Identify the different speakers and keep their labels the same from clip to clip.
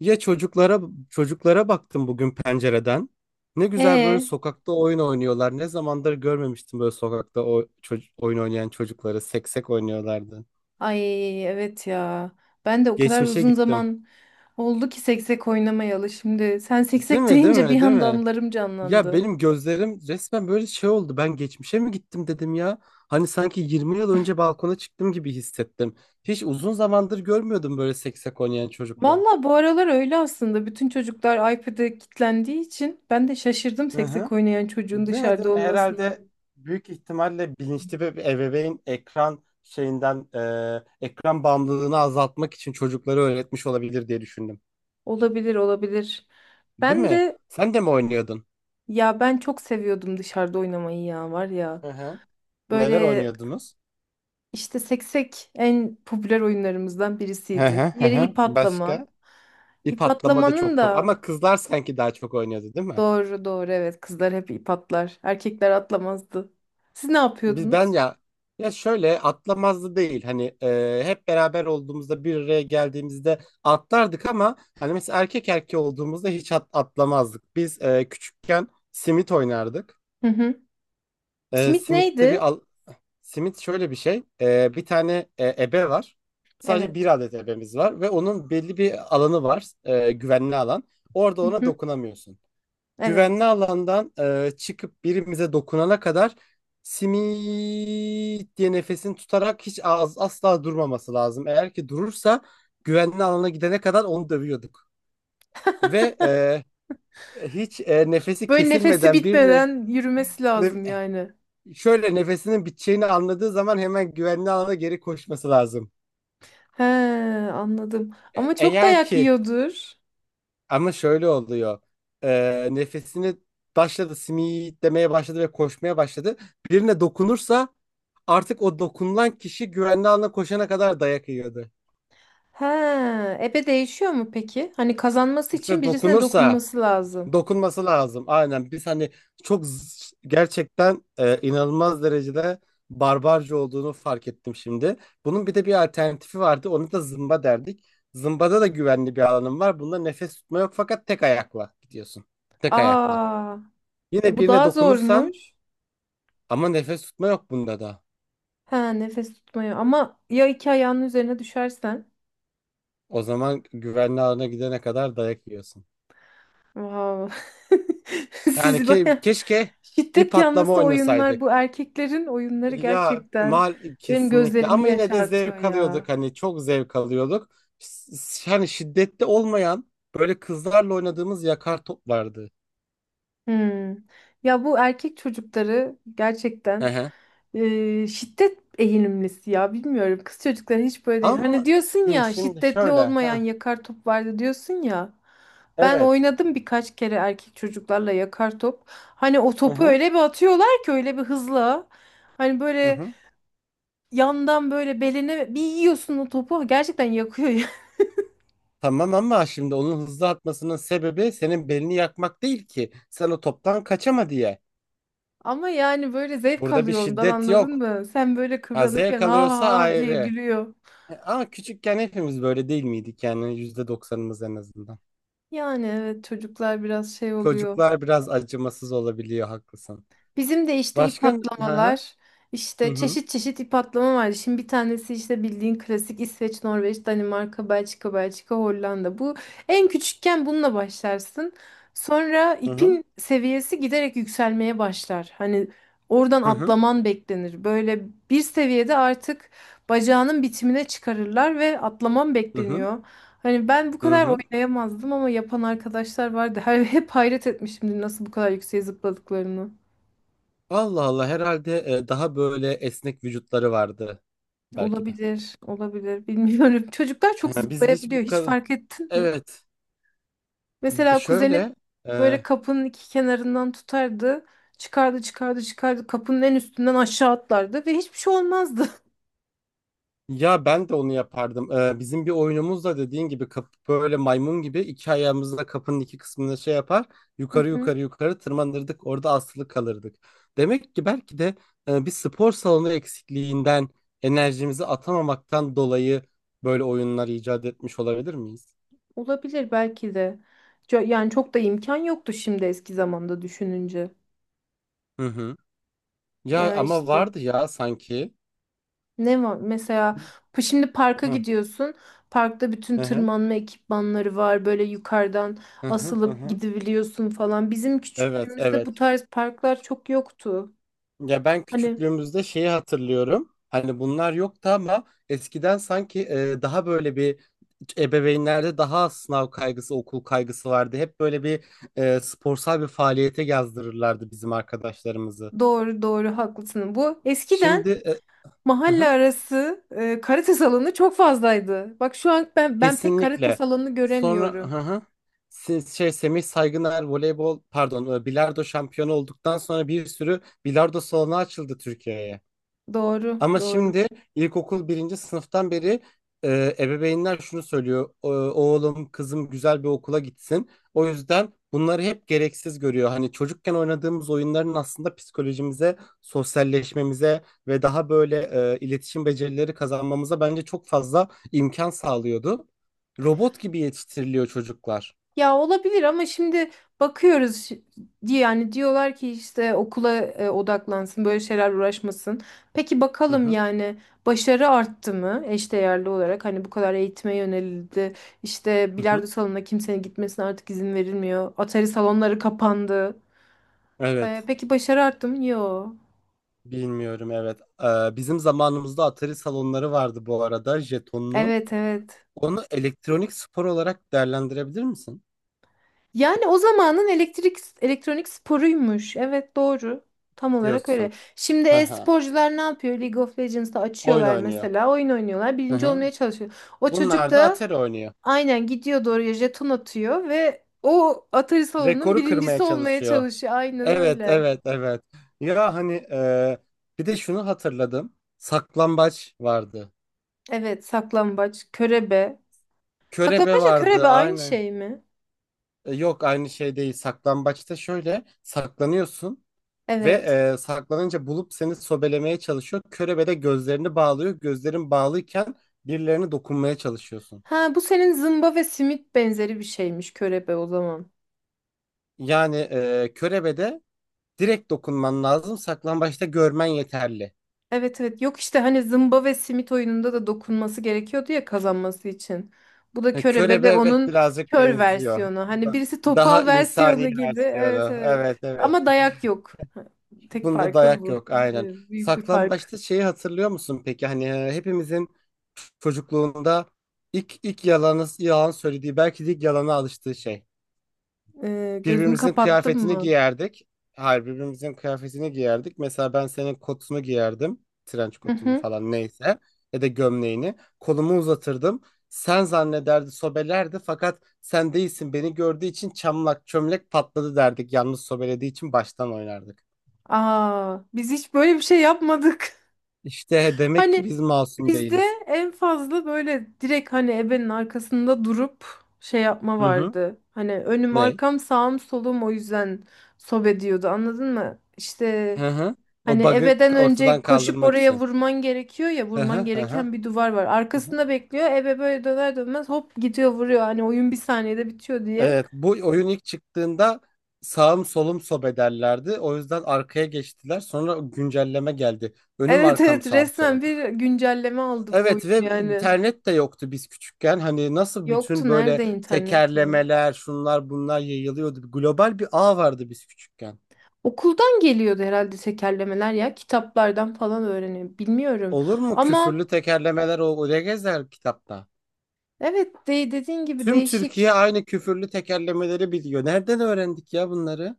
Speaker 1: Ya çocuklara baktım bugün pencereden. Ne güzel böyle
Speaker 2: Ee,
Speaker 1: sokakta oyun oynuyorlar. Ne zamandır görmemiştim böyle sokakta oyun oynayan çocukları, seksek oynuyorlardı.
Speaker 2: ay evet ya. Ben de o kadar
Speaker 1: Geçmişe
Speaker 2: uzun
Speaker 1: gittim.
Speaker 2: zaman oldu ki seksek oynamayalı şimdi. Sen
Speaker 1: Değil
Speaker 2: seksek
Speaker 1: mi? Değil
Speaker 2: deyince
Speaker 1: mi?
Speaker 2: bir
Speaker 1: Değil
Speaker 2: anda
Speaker 1: mi?
Speaker 2: anılarım
Speaker 1: Ya
Speaker 2: canlandı.
Speaker 1: benim gözlerim resmen böyle şey oldu. Ben geçmişe mi gittim dedim ya. Hani sanki 20 yıl önce balkona çıktım gibi hissettim. Hiç uzun zamandır görmüyordum böyle seksek oynayan çocuklar.
Speaker 2: Valla bu aralar öyle aslında. Bütün çocuklar iPad'e kilitlendiği için ben de şaşırdım
Speaker 1: Hı hı.
Speaker 2: seksek oynayan çocuğun
Speaker 1: Demedim
Speaker 2: dışarıda olmasına.
Speaker 1: herhalde, büyük ihtimalle bilinçli bir ebeveyn ekran şeyinden, ekran bağımlılığını azaltmak için çocukları öğretmiş olabilir diye düşündüm.
Speaker 2: Olabilir, olabilir.
Speaker 1: Değil
Speaker 2: Ben
Speaker 1: mi?
Speaker 2: de
Speaker 1: Sen de mi oynuyordun?
Speaker 2: ya ben çok seviyordum dışarıda oynamayı ya var ya.
Speaker 1: Hı hı. Neler
Speaker 2: Böyle
Speaker 1: oynuyordunuz?
Speaker 2: İşte seksek en popüler oyunlarımızdan
Speaker 1: Hı
Speaker 2: birisiydi.
Speaker 1: hı hı.
Speaker 2: Diğeri
Speaker 1: Hı.
Speaker 2: ip
Speaker 1: Başka?
Speaker 2: atlama.
Speaker 1: İp
Speaker 2: İp
Speaker 1: atlama da
Speaker 2: atlamanın
Speaker 1: çok
Speaker 2: da
Speaker 1: ama kızlar sanki daha çok oynuyordu, değil mi?
Speaker 2: doğru doğru, evet, kızlar hep ip atlar. Erkekler atlamazdı. Siz ne
Speaker 1: Ben
Speaker 2: yapıyordunuz?
Speaker 1: ya şöyle atlamazdı değil hani, hep beraber olduğumuzda bir araya geldiğimizde atlardık, ama hani mesela erkek erkeği olduğumuzda hiç atlamazdık. Biz, küçükken simit oynardık.
Speaker 2: Hı hı. Simit
Speaker 1: Simitte
Speaker 2: neydi?
Speaker 1: simit şöyle bir şey. Bir tane ebe var, sadece bir
Speaker 2: Evet.
Speaker 1: adet ebemiz var ve onun belli bir alanı var, güvenli alan. Orada
Speaker 2: Hı
Speaker 1: ona
Speaker 2: hı.
Speaker 1: dokunamıyorsun.
Speaker 2: Evet.
Speaker 1: Güvenli alandan çıkıp birimize dokunana kadar simit diye nefesini tutarak hiç asla durmaması lazım. Eğer ki durursa, güvenli alana gidene kadar onu dövüyorduk. Ve hiç nefesi
Speaker 2: Böyle nefesi
Speaker 1: kesilmeden birine,
Speaker 2: bitmeden yürümesi
Speaker 1: ne-
Speaker 2: lazım yani.
Speaker 1: şöyle nefesinin biteceğini anladığı zaman hemen güvenli alana geri koşması lazım.
Speaker 2: He, anladım. Ama çok
Speaker 1: Eğer
Speaker 2: dayak
Speaker 1: ki
Speaker 2: yiyordur.
Speaker 1: ama şöyle oluyor. Nefesini, başladı simit demeye başladı ve koşmaya başladı. Birine dokunursa, artık o dokunulan kişi güvenli alana koşana kadar dayak yiyordu.
Speaker 2: He, ebe değişiyor mu peki? Hani kazanması için
Speaker 1: İşte
Speaker 2: birisine
Speaker 1: dokunursa,
Speaker 2: dokunması lazım.
Speaker 1: dokunması lazım. Aynen, biz hani çok gerçekten, inanılmaz derecede barbarca olduğunu fark ettim şimdi. Bunun bir de bir alternatifi vardı. Onu da zımba derdik. Zımbada da güvenli bir alanım var. Bunda nefes tutma yok, fakat tek ayakla gidiyorsun. Tek ayakla.
Speaker 2: Aa,
Speaker 1: Yine
Speaker 2: bu
Speaker 1: birine
Speaker 2: daha
Speaker 1: dokunursan,
Speaker 2: zormuş.
Speaker 1: ama nefes tutma yok bunda da.
Speaker 2: Ha nefes tutmayı. Ama ya iki ayağının üzerine düşersen?
Speaker 1: O zaman güvenli alana gidene kadar dayak yiyorsun.
Speaker 2: Wow.
Speaker 1: Yani
Speaker 2: Siz baya
Speaker 1: keşke ip
Speaker 2: şiddet
Speaker 1: atlama
Speaker 2: yanlısı oyunlar, bu
Speaker 1: oynasaydık.
Speaker 2: erkeklerin oyunları
Speaker 1: Ya
Speaker 2: gerçekten
Speaker 1: mal
Speaker 2: benim
Speaker 1: kesinlikle,
Speaker 2: gözlerimi
Speaker 1: ama yine de
Speaker 2: yaşartıyor
Speaker 1: zevk alıyorduk,
Speaker 2: ya.
Speaker 1: hani çok zevk alıyorduk. S- Yani şiddetli olmayan, böyle kızlarla oynadığımız yakar top vardı.
Speaker 2: Hmm. Ya bu erkek çocukları
Speaker 1: Hı
Speaker 2: gerçekten
Speaker 1: hı.
Speaker 2: şiddet eğilimlisi ya, bilmiyorum. Kız çocukları hiç böyle değil. Hani
Speaker 1: Ama
Speaker 2: diyorsun
Speaker 1: hı,
Speaker 2: ya,
Speaker 1: şimdi
Speaker 2: şiddetli
Speaker 1: şöyle.
Speaker 2: olmayan
Speaker 1: Hı,
Speaker 2: yakar top vardı diyorsun ya. Ben
Speaker 1: Evet.
Speaker 2: oynadım birkaç kere erkek çocuklarla yakar top. Hani o
Speaker 1: Hı
Speaker 2: topu
Speaker 1: hı.
Speaker 2: öyle bir atıyorlar ki, öyle bir hızla. Hani
Speaker 1: Hı
Speaker 2: böyle
Speaker 1: hı.
Speaker 2: yandan böyle beline bir yiyorsun o topu, gerçekten yakıyor ya.
Speaker 1: Tamam, ama şimdi onun hızlı atmasının sebebi senin belini yakmak değil ki. Sen o toptan kaçama diye.
Speaker 2: Ama yani böyle zevk
Speaker 1: Burada bir
Speaker 2: alıyor ondan,
Speaker 1: şiddet
Speaker 2: anladın
Speaker 1: yok.
Speaker 2: mı? Sen böyle
Speaker 1: Ha,
Speaker 2: kıvranırken
Speaker 1: zevk
Speaker 2: ha
Speaker 1: alıyorsa
Speaker 2: ha diye
Speaker 1: ayrı.
Speaker 2: gülüyor.
Speaker 1: Ama küçükken hepimiz böyle değil miydik yani, yüzde doksanımız en azından.
Speaker 2: Yani evet, çocuklar biraz şey oluyor.
Speaker 1: Çocuklar biraz acımasız olabiliyor, haklısın.
Speaker 2: Bizim de işte ip
Speaker 1: Başka. Hı
Speaker 2: atlamalar,
Speaker 1: hı
Speaker 2: işte
Speaker 1: hı
Speaker 2: çeşit çeşit ip atlama var. Şimdi bir tanesi işte bildiğin klasik İsveç, Norveç, Danimarka, Belçika, Belçika, Hollanda. Bu en küçükken bununla başlarsın. Sonra
Speaker 1: hı hı
Speaker 2: ipin seviyesi giderek yükselmeye başlar. Hani oradan
Speaker 1: hı hı
Speaker 2: atlaman beklenir. Böyle bir seviyede artık bacağının bitimine çıkarırlar ve atlaman
Speaker 1: hı hı.
Speaker 2: bekleniyor. Hani ben bu
Speaker 1: Hı
Speaker 2: kadar
Speaker 1: hı.
Speaker 2: oynayamazdım ama yapan arkadaşlar vardı. Hep hayret etmişimdir nasıl bu kadar yükseğe zıpladıklarını.
Speaker 1: Allah Allah, herhalde daha böyle esnek vücutları vardı belki de.
Speaker 2: Olabilir, olabilir. Bilmiyorum. Çocuklar çok
Speaker 1: Ha, Biz bu
Speaker 2: zıplayabiliyor. Hiç
Speaker 1: kadar,
Speaker 2: fark ettin mi?
Speaker 1: evet.
Speaker 2: Mesela kuzenim
Speaker 1: Şöyle e,
Speaker 2: böyle kapının iki kenarından tutardı. Çıkardı, çıkardı, çıkardı. Kapının en üstünden aşağı atlardı ve hiçbir şey olmazdı.
Speaker 1: ya ben de onu yapardım. Bizim bir oyunumuz da, dediğin gibi, böyle maymun gibi iki ayağımızla kapının iki kısmını şey yapar.
Speaker 2: Hı
Speaker 1: Yukarı
Speaker 2: hı.
Speaker 1: yukarı yukarı tırmanırdık. Orada asılı kalırdık. Demek ki belki de bir spor salonu eksikliğinden, enerjimizi atamamaktan dolayı böyle oyunlar icat etmiş olabilir miyiz?
Speaker 2: Olabilir belki de. Yani çok da imkan yoktu şimdi eski zamanda düşününce.
Speaker 1: Hı hı. Ya
Speaker 2: Ya
Speaker 1: ama
Speaker 2: işte.
Speaker 1: vardı ya sanki.
Speaker 2: Ne var? Mesela şimdi parka
Speaker 1: Hı
Speaker 2: gidiyorsun. Parkta bütün
Speaker 1: hı
Speaker 2: tırmanma ekipmanları var. Böyle yukarıdan
Speaker 1: hı hı. Hı
Speaker 2: asılıp
Speaker 1: hı.
Speaker 2: gidebiliyorsun falan. Bizim
Speaker 1: Evet,
Speaker 2: küçüklüğümüzde
Speaker 1: evet.
Speaker 2: bu tarz parklar çok yoktu.
Speaker 1: Ya ben
Speaker 2: Hani
Speaker 1: küçüklüğümüzde şeyi hatırlıyorum. Hani bunlar yoktu, ama eskiden sanki daha böyle bir, ebeveynlerde daha az sınav kaygısı, okul kaygısı vardı. Hep böyle bir sporsal bir faaliyete yazdırırlardı bizim arkadaşlarımızı.
Speaker 2: doğru doğru haklısın. Bu eskiden
Speaker 1: Şimdi hı
Speaker 2: mahalle
Speaker 1: hı,
Speaker 2: arası karate salonu çok fazlaydı. Bak şu an ben pek karate
Speaker 1: kesinlikle.
Speaker 2: salonu
Speaker 1: Sonra
Speaker 2: göremiyorum.
Speaker 1: hı hı, şey, Semih Saygıner voleybol, pardon, bilardo şampiyonu olduktan sonra bir sürü bilardo salonu açıldı Türkiye'ye.
Speaker 2: Doğru,
Speaker 1: Ama
Speaker 2: doğru.
Speaker 1: şimdi ilkokul birinci sınıftan beri ebeveynler şunu söylüyor: Oğlum, kızım güzel bir okula gitsin." O yüzden bunları hep gereksiz görüyor. Hani çocukken oynadığımız oyunların, aslında psikolojimize, sosyalleşmemize ve daha böyle iletişim becerileri kazanmamıza bence çok fazla imkan sağlıyordu. Robot gibi yetiştiriliyor çocuklar.
Speaker 2: Ya olabilir ama şimdi bakıyoruz diye, yani diyorlar ki işte okula odaklansın, böyle şeyler uğraşmasın. Peki
Speaker 1: Hı
Speaker 2: bakalım
Speaker 1: hı,
Speaker 2: yani, başarı arttı mı eşdeğerli olarak? Hani bu kadar eğitime yönelildi. İşte
Speaker 1: hı hı.
Speaker 2: bilardo salonuna kimsenin gitmesine artık izin verilmiyor. Atari salonları kapandı.
Speaker 1: Evet.
Speaker 2: Peki başarı arttı mı? Yok.
Speaker 1: Bilmiyorum, evet. Bizim zamanımızda Atari salonları vardı bu arada, jetonlu.
Speaker 2: Evet, evet.
Speaker 1: Onu elektronik spor olarak değerlendirebilir misin?
Speaker 2: Yani o zamanın elektrik elektronik sporuymuş. Evet, doğru. Tam olarak öyle.
Speaker 1: Diyorsun.
Speaker 2: Şimdi
Speaker 1: Hı hı.
Speaker 2: e-sporcular ne yapıyor? League of Legends'ta
Speaker 1: Oyun
Speaker 2: açıyorlar
Speaker 1: oynuyor.
Speaker 2: mesela. Oyun oynuyorlar.
Speaker 1: Hı
Speaker 2: Birinci
Speaker 1: hı.
Speaker 2: olmaya çalışıyor. O çocuk
Speaker 1: Bunlar da
Speaker 2: da
Speaker 1: Atari oynuyor.
Speaker 2: aynen gidiyor doğruya jeton atıyor ve o Atari salonunun
Speaker 1: Rekoru kırmaya
Speaker 2: birincisi olmaya
Speaker 1: çalışıyor.
Speaker 2: çalışıyor. Aynen
Speaker 1: Evet,
Speaker 2: öyle.
Speaker 1: evet, evet. Ya hani bir de şunu hatırladım. Saklambaç vardı.
Speaker 2: Evet, saklambaç, körebe.
Speaker 1: Körebe
Speaker 2: Saklambaçla körebe
Speaker 1: vardı,
Speaker 2: aynı
Speaker 1: aynen.
Speaker 2: şey mi?
Speaker 1: Yok, aynı şey değil. Saklambaçta şöyle saklanıyorsun ve
Speaker 2: Evet.
Speaker 1: saklanınca bulup seni sobelemeye çalışıyor. Körebe de gözlerini bağlıyor. Gözlerin bağlıyken birilerine dokunmaya çalışıyorsun.
Speaker 2: Ha bu senin zımba ve simit benzeri bir şeymiş körebe o zaman.
Speaker 1: Yani körebe, direkt dokunman lazım. Saklambaçta görmen yeterli.
Speaker 2: Evet, evet, yok işte hani zımba ve simit oyununda da dokunması gerekiyordu ya kazanması için. Bu da körebe
Speaker 1: Körebe,
Speaker 2: de
Speaker 1: evet,
Speaker 2: onun
Speaker 1: birazcık
Speaker 2: kör
Speaker 1: benziyor.
Speaker 2: versiyonu. Hani
Speaker 1: Da-
Speaker 2: birisi
Speaker 1: Daha
Speaker 2: topal versiyonu
Speaker 1: insani
Speaker 2: gibi. Evet,
Speaker 1: versiyonu.
Speaker 2: evet.
Speaker 1: Evet, evet.
Speaker 2: Ama dayak yok. Tek
Speaker 1: Bunda
Speaker 2: farkı
Speaker 1: dayak
Speaker 2: bu.
Speaker 1: yok, aynen.
Speaker 2: Evet, büyük bir fark.
Speaker 1: Saklambaçta şeyi hatırlıyor musun peki? Hani hepimizin çocukluğunda ilk yalanı, yalan söylediği, belki de ilk yalana alıştığı şey.
Speaker 2: Gözümü
Speaker 1: Birbirimizin
Speaker 2: kapattım
Speaker 1: kıyafetini
Speaker 2: mı?
Speaker 1: giyerdik. Hayır, birbirimizin kıyafetini giyerdik. Mesela ben senin kotunu giyerdim. Trenç
Speaker 2: Hı
Speaker 1: kotunu
Speaker 2: hı.
Speaker 1: falan, neyse. Ya da gömleğini. Kolumu uzatırdım. Sen zannederdi, sobelerdi, fakat sen değilsin, beni gördüğü için çamlak çömlek patladı derdik. Yalnız sobelediği için baştan oynardık.
Speaker 2: Aa, biz hiç böyle bir şey yapmadık.
Speaker 1: İşte demek ki
Speaker 2: Hani
Speaker 1: biz masum
Speaker 2: bizde
Speaker 1: değiliz.
Speaker 2: en fazla böyle direkt hani ebenin arkasında durup şey yapma
Speaker 1: Hı hı.
Speaker 2: vardı. Hani önüm
Speaker 1: Ne?
Speaker 2: arkam sağım solum o yüzden sob ediyordu, anladın mı? İşte
Speaker 1: Hı hı. O
Speaker 2: hani
Speaker 1: bug'ı
Speaker 2: ebeden önce
Speaker 1: ortadan
Speaker 2: koşup
Speaker 1: kaldırmak
Speaker 2: oraya
Speaker 1: için.
Speaker 2: vurman gerekiyor ya,
Speaker 1: Hı
Speaker 2: vurman
Speaker 1: hı hı hı.
Speaker 2: gereken bir duvar var.
Speaker 1: Hı hı.
Speaker 2: Arkasında bekliyor ebe, böyle döner dönmez hop gidiyor vuruyor, hani oyun bir saniyede bitiyor diye.
Speaker 1: Evet, bu oyun ilk çıktığında sağım solum sob ederlerdi. O yüzden arkaya geçtiler. Sonra güncelleme geldi: önüm
Speaker 2: Evet,
Speaker 1: arkam
Speaker 2: evet,
Speaker 1: sağım solum.
Speaker 2: resmen bir güncelleme aldı bu
Speaker 1: Evet,
Speaker 2: oyun
Speaker 1: ve
Speaker 2: yani.
Speaker 1: internet de yoktu biz küçükken. Hani nasıl
Speaker 2: Yoktu,
Speaker 1: bütün böyle
Speaker 2: nerede internet ya?
Speaker 1: tekerlemeler, şunlar bunlar yayılıyordu. Global bir ağ vardı biz küçükken.
Speaker 2: Okuldan geliyordu herhalde tekerlemeler ya. Kitaplardan falan öğreniyor. Bilmiyorum.
Speaker 1: Olur mu?
Speaker 2: Ama
Speaker 1: Küfürlü tekerlemeler o oraya gezer kitapta.
Speaker 2: evet, de dediğin gibi
Speaker 1: Tüm Türkiye
Speaker 2: değişik.
Speaker 1: aynı küfürlü tekerlemeleri biliyor. Nereden öğrendik ya bunları?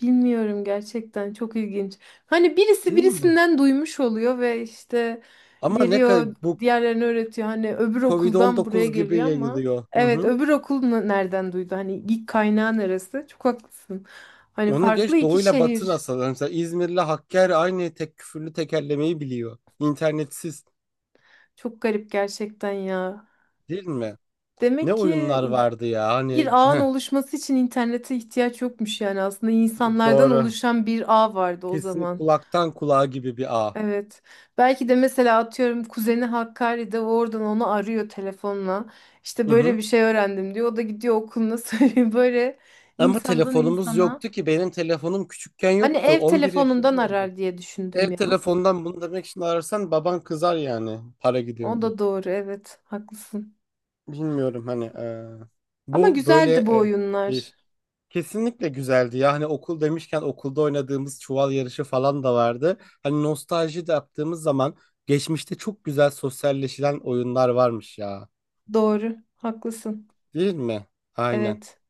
Speaker 2: Bilmiyorum, gerçekten çok ilginç. Hani birisi
Speaker 1: Değil mi?
Speaker 2: birisinden duymuş oluyor ve işte
Speaker 1: Ama ne kadar,
Speaker 2: geliyor
Speaker 1: bu
Speaker 2: diğerlerine öğretiyor. Hani öbür
Speaker 1: covid
Speaker 2: okuldan buraya
Speaker 1: dokuz gibi
Speaker 2: geliyor, ama
Speaker 1: yayılıyor. Hı
Speaker 2: evet
Speaker 1: hı.
Speaker 2: öbür okul nereden duydu? Hani ilk kaynağı neresi? Çok haklısın. Hani
Speaker 1: Onu
Speaker 2: farklı
Speaker 1: geç,
Speaker 2: iki
Speaker 1: doğuyla batı
Speaker 2: şehir.
Speaker 1: nasıl? Mesela İzmir'le Hakkari aynı tek küfürlü tekerlemeyi biliyor. İnternetsiz,
Speaker 2: Çok garip gerçekten ya.
Speaker 1: değil mi? Ne
Speaker 2: Demek ki
Speaker 1: oyunlar vardı ya
Speaker 2: bir
Speaker 1: hani
Speaker 2: ağın oluşması için internete ihtiyaç yokmuş, yani aslında insanlardan
Speaker 1: doğru.
Speaker 2: oluşan bir ağ vardı o
Speaker 1: Kesinlikle
Speaker 2: zaman.
Speaker 1: kulaktan kulağa gibi bir ağ.
Speaker 2: Evet. Belki de mesela atıyorum kuzeni Hakkari'de, o oradan onu arıyor telefonla. İşte
Speaker 1: Hı
Speaker 2: böyle
Speaker 1: hı.
Speaker 2: bir şey öğrendim diyor. O da gidiyor okuluna söylüyor. Böyle
Speaker 1: Ama
Speaker 2: insandan
Speaker 1: telefonumuz
Speaker 2: insana.
Speaker 1: yoktu ki, benim telefonum küçükken
Speaker 2: Hani
Speaker 1: yoktu.
Speaker 2: ev
Speaker 1: 11
Speaker 2: telefonundan
Speaker 1: yaşında oldu.
Speaker 2: arar diye düşündüm
Speaker 1: Ev
Speaker 2: ya.
Speaker 1: telefondan bunu demek için ararsan baban kızar, yani para
Speaker 2: O
Speaker 1: gidiyor diye.
Speaker 2: da doğru, evet haklısın.
Speaker 1: Bilmiyorum hani
Speaker 2: Ama
Speaker 1: bu böyle
Speaker 2: güzeldi bu oyunlar.
Speaker 1: değişik. Kesinlikle güzeldi. Ya hani okul demişken, okulda oynadığımız çuval yarışı falan da vardı. Hani nostalji de yaptığımız zaman, geçmişte çok güzel sosyalleşilen oyunlar varmış ya.
Speaker 2: Doğru haklısın.
Speaker 1: Değil mi? Aynen.
Speaker 2: Evet.